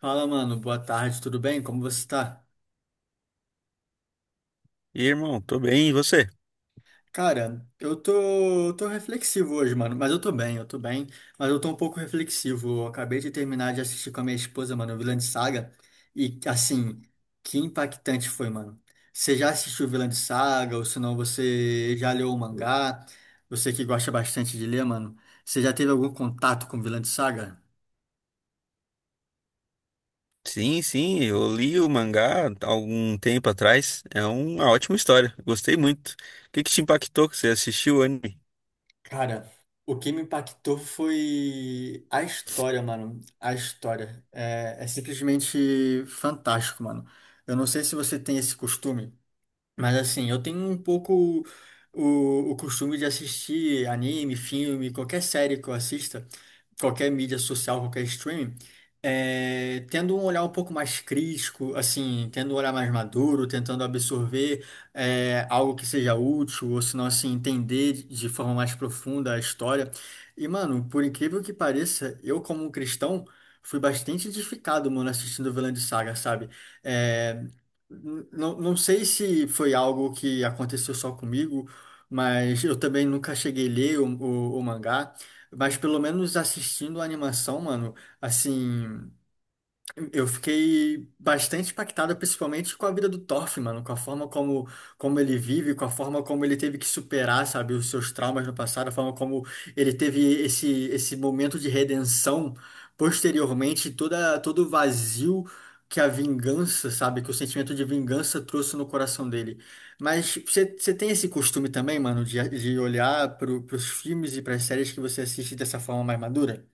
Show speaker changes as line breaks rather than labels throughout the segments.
Fala, mano. Boa tarde, tudo bem? Como você tá?
E aí, irmão, tô bem, e você?
Cara, eu tô reflexivo hoje, mano. Mas eu tô bem, eu tô bem. Mas eu tô um pouco reflexivo. Eu acabei de terminar de assistir com a minha esposa, mano, Vinland Saga. E, assim, que impactante foi, mano. Você já assistiu Vinland Saga? Ou se não, você já leu o mangá? Você que gosta bastante de ler, mano. Você já teve algum contato com Vinland Saga?
Sim, sim, eu li o mangá há algum tempo atrás. É uma ótima história, gostei muito. O que que te impactou que você assistiu o anime?
Cara, o que me impactou foi a história, mano. A história. É simplesmente fantástico, mano. Eu não sei se você tem esse costume. Mas assim, eu tenho um pouco o costume de assistir anime, filme, qualquer série que eu assista, qualquer mídia social, qualquer streaming, tendo um olhar um pouco mais crítico, assim, tendo um olhar mais maduro, tentando absorver algo que seja útil, ou se não, assim, entender de forma mais profunda a história. E, mano, por incrível que pareça, eu como um cristão, fui bastante edificado, mano, assistindo Vinland Saga, sabe? É, não sei se foi algo que aconteceu só comigo, mas eu também nunca cheguei a ler o mangá. Mas pelo menos assistindo a animação, mano, assim. Eu fiquei bastante impactado, principalmente com a vida do Thorfinn, mano, com a forma como, como ele vive, com a forma como ele teve que superar, sabe, os seus traumas no passado, a forma como ele teve esse momento de redenção posteriormente, todo o vazio que a vingança, sabe, que o sentimento de vingança trouxe no coração dele. Mas você tem esse costume também, mano, de olhar para os filmes e para as séries que você assiste dessa forma mais madura?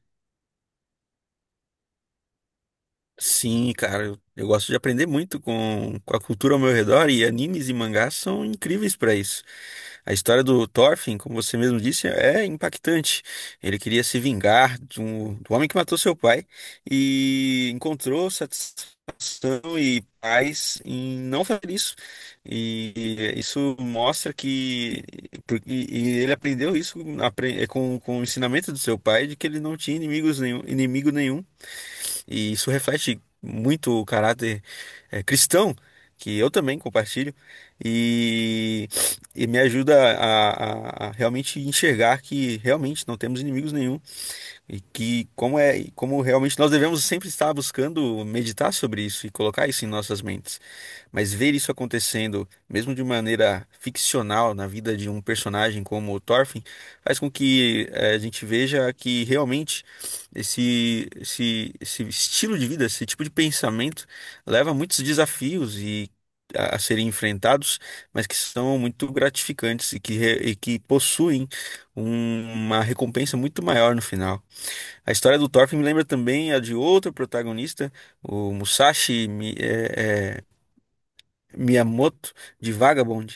Sim, cara, eu gosto de aprender muito com a cultura ao meu redor, e animes e mangás são incríveis pra isso. A história do Thorfinn, como você mesmo disse, é impactante. Ele queria se vingar de do homem que matou seu pai e encontrou satisfação e paz em não fazer isso. E isso mostra que ele aprendeu isso com o ensinamento do seu pai, de que ele não tinha inimigo nenhum, e isso reflete muito o caráter cristão, que eu também compartilho, e, e me ajuda a, a realmente enxergar que realmente não temos inimigos nenhum, e que como é, como realmente nós devemos sempre estar buscando meditar sobre isso e colocar isso em nossas mentes. Mas ver isso acontecendo, mesmo de maneira ficcional, na vida de um personagem como o Thorfinn, faz com que a gente veja que realmente esse estilo de vida, esse tipo de pensamento, leva a muitos desafios e a serem enfrentados, mas que são muito gratificantes e que, e que possuem uma recompensa muito maior no final. A história do Thorfinn me lembra também a de outro protagonista, o Musashi. Miyamoto de Vagabond,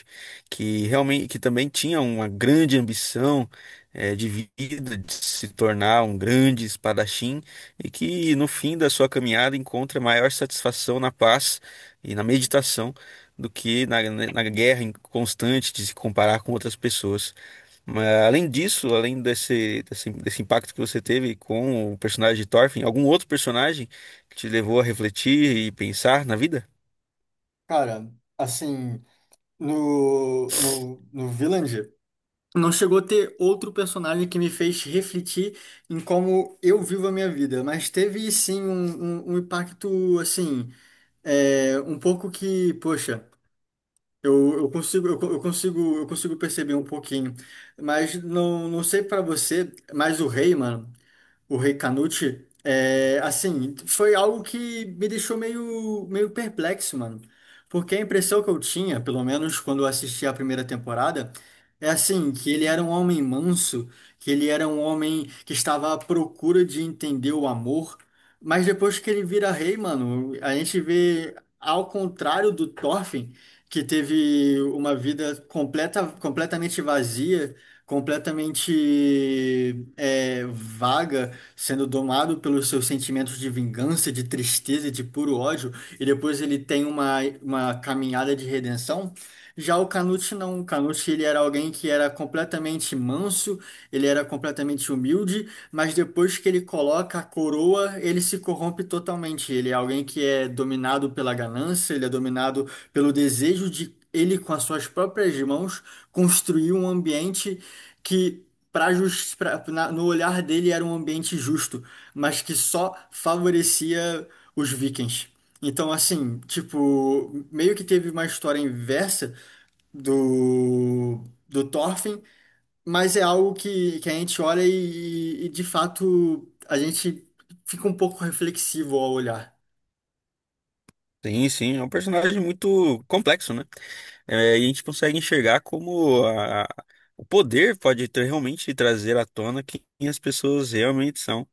que realmente que também tinha uma grande ambição de vida, de se tornar um grande espadachim, e que no fim da sua caminhada encontra maior satisfação na paz e na meditação do que na, né, na guerra constante de se comparar com outras pessoas. Mas, além disso, além desse impacto que você teve com o personagem de Thorfinn, algum outro personagem que te levou a refletir e pensar na vida?
Cara, assim. No Vinland, não chegou a ter outro personagem que me fez refletir em como eu vivo a minha vida, mas teve sim um impacto assim, é, um pouco que, poxa, eu consigo, eu, co- eu consigo perceber um pouquinho, mas não sei pra você, mas o rei, mano. O Rei Canute, é, assim, foi algo que me deixou meio perplexo, mano. Porque a impressão que eu tinha, pelo menos quando eu assisti a primeira temporada, é assim, que ele era um homem manso, que ele era um homem que estava à procura de entender o amor. Mas depois que ele vira rei, mano, a gente vê, ao contrário do Thorfinn, que teve uma vida completamente vazia, completamente vaga sendo domado pelos seus sentimentos de vingança, de tristeza, e de puro ódio, e depois ele tem uma caminhada de redenção. Já o Canute não, o Canute ele era alguém que era completamente manso, ele era completamente humilde, mas depois que ele coloca a coroa, ele se corrompe totalmente. Ele é alguém que é dominado pela ganância, ele é dominado pelo desejo de ele, com as suas próprias mãos, construir um ambiente que pra, jus- pra- na- no olhar dele era um ambiente justo, mas que só favorecia os vikings. Então, assim, tipo, meio que teve uma história inversa do, do Thorfinn, mas é algo que a gente olha e, de fato, a gente fica um pouco reflexivo ao olhar.
Sim, sim, é um personagem muito complexo, né? É, e a gente consegue enxergar como o poder pode realmente trazer à tona quem as pessoas realmente são.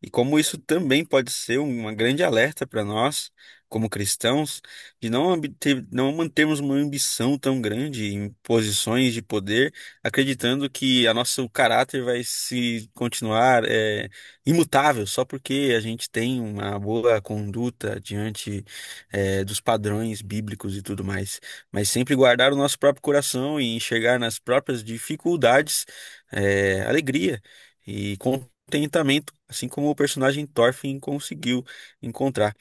E como isso também pode ser uma grande alerta para nós, como cristãos, de não, não mantermos uma ambição tão grande em posições de poder, acreditando que a nosso caráter vai se continuar imutável só porque a gente tem uma boa conduta diante dos padrões bíblicos e tudo mais. Mas sempre guardar o nosso próprio coração e enxergar nas próprias dificuldades alegria e contentamento, assim como o personagem Thorfinn conseguiu encontrar.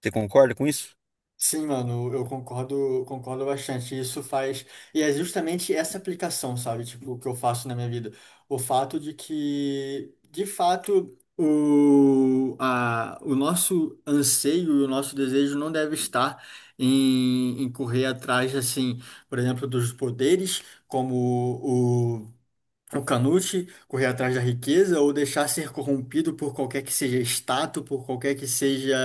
Você concorda com isso?
Sim, mano, eu concordo, concordo bastante. Isso faz. E é justamente essa aplicação, sabe? Tipo, o que eu faço na minha vida. O fato de que, de fato, o nosso anseio e o nosso desejo não deve estar em, em correr atrás, assim, por exemplo, dos poderes, como o Canute correr atrás da riqueza ou deixar ser corrompido por qualquer que seja status, por qualquer que seja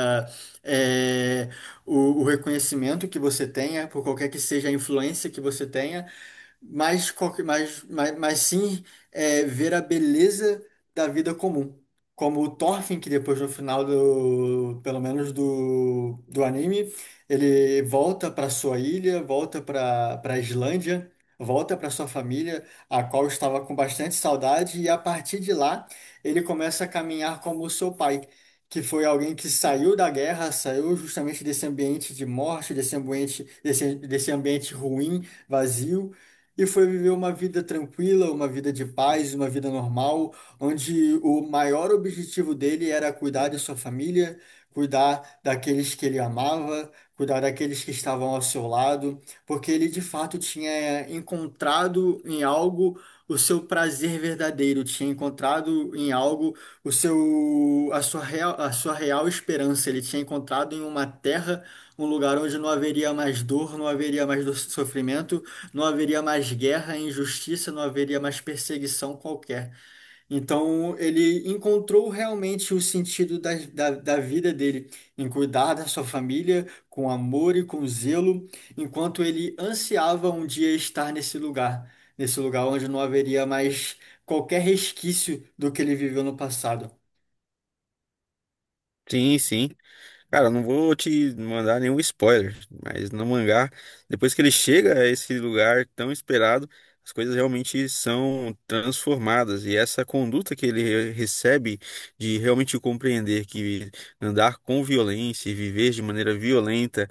eh, o reconhecimento que você tenha, por qualquer que seja a influência que você tenha, mas, mas sim é, ver a beleza da vida comum. Como o Thorfinn, que depois no final do, pelo menos do, do anime, ele volta para sua ilha, volta para Islândia, volta para sua família, a qual estava com bastante saudade, e a partir de lá ele começa a caminhar como o seu pai, que foi alguém que saiu da guerra, saiu justamente desse ambiente de morte, desse ambiente, desse, desse ambiente ruim, vazio e foi viver uma vida tranquila, uma vida de paz, uma vida normal, onde o maior objetivo dele era cuidar de sua família, cuidar daqueles que ele amava, cuidar daqueles que estavam ao seu lado, porque ele de fato tinha encontrado em algo o seu prazer verdadeiro, tinha encontrado em algo o seu a sua real esperança, ele tinha encontrado em uma terra, um lugar onde não haveria mais dor, não haveria mais sofrimento não haveria mais guerra, injustiça, não haveria mais perseguição qualquer. Então ele encontrou realmente o sentido da vida dele em cuidar da sua família com amor e com zelo, enquanto ele ansiava um dia estar nesse lugar onde não haveria mais qualquer resquício do que ele viveu no passado.
Sim, sim. Cara, não vou te mandar nenhum spoiler, mas no mangá, depois que ele chega a esse lugar tão esperado, as coisas realmente são transformadas. E essa conduta que ele recebe, de realmente compreender que andar com violência e viver de maneira violenta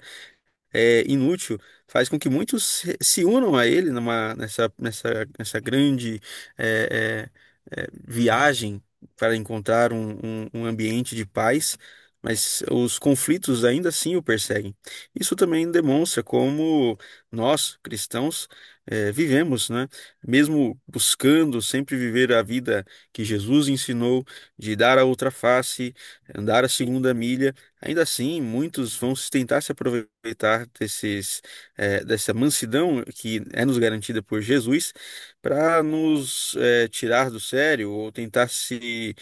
é, inútil, faz com que muitos se unam a ele numa, nessa grande é, viagem para encontrar um ambiente de paz, mas os conflitos ainda assim o perseguem. Isso também demonstra como nós, cristãos, é, vivemos, né? Mesmo buscando sempre viver a vida que Jesus ensinou, de dar a outra face, andar a segunda milha. Ainda assim, muitos vão tentar se aproveitar desses, dessa mansidão que é nos garantida por Jesus, para nos tirar do sério, ou tentar se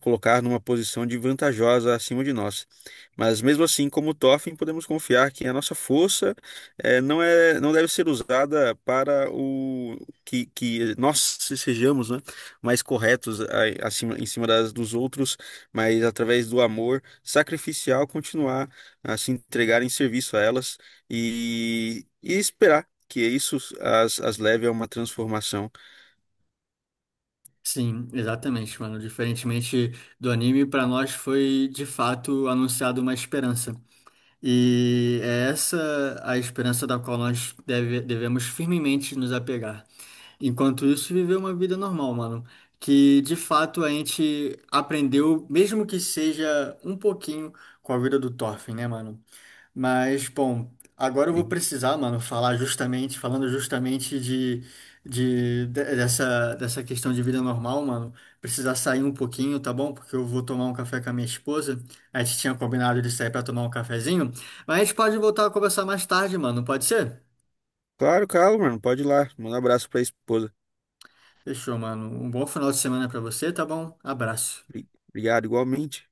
colocar numa posição de vantajosa acima de nós. Mas mesmo assim, como Toffin, podemos confiar que a nossa força não é, não deve ser usada para o que, que nós sejamos, né, mais corretos acima, em cima das, dos outros, mas através do amor sacrificial continuar a se entregar em serviço a elas e esperar que isso as, as leve a uma transformação.
Sim, exatamente, mano. Diferentemente do anime, pra nós foi de fato anunciado uma esperança. E é essa a esperança da qual nós devemos firmemente nos apegar. Enquanto isso, viver uma vida normal, mano. Que de fato a gente aprendeu, mesmo que seja um pouquinho, com a vida do Thorfinn, né, mano? Mas, bom, agora eu vou
E,
precisar, mano, falando justamente dessa, dessa questão de vida normal, mano. Precisar sair um pouquinho, tá bom? Porque eu vou tomar um café com a minha esposa. A gente tinha combinado de sair pra tomar um cafezinho. Mas a gente pode voltar a conversar mais tarde, mano. Pode ser?
claro, Carlos, mano, pode ir lá. Manda um abraço para a esposa.
Fechou, mano. Um bom final de semana pra você, tá bom? Abraço.
Obrigado, igualmente.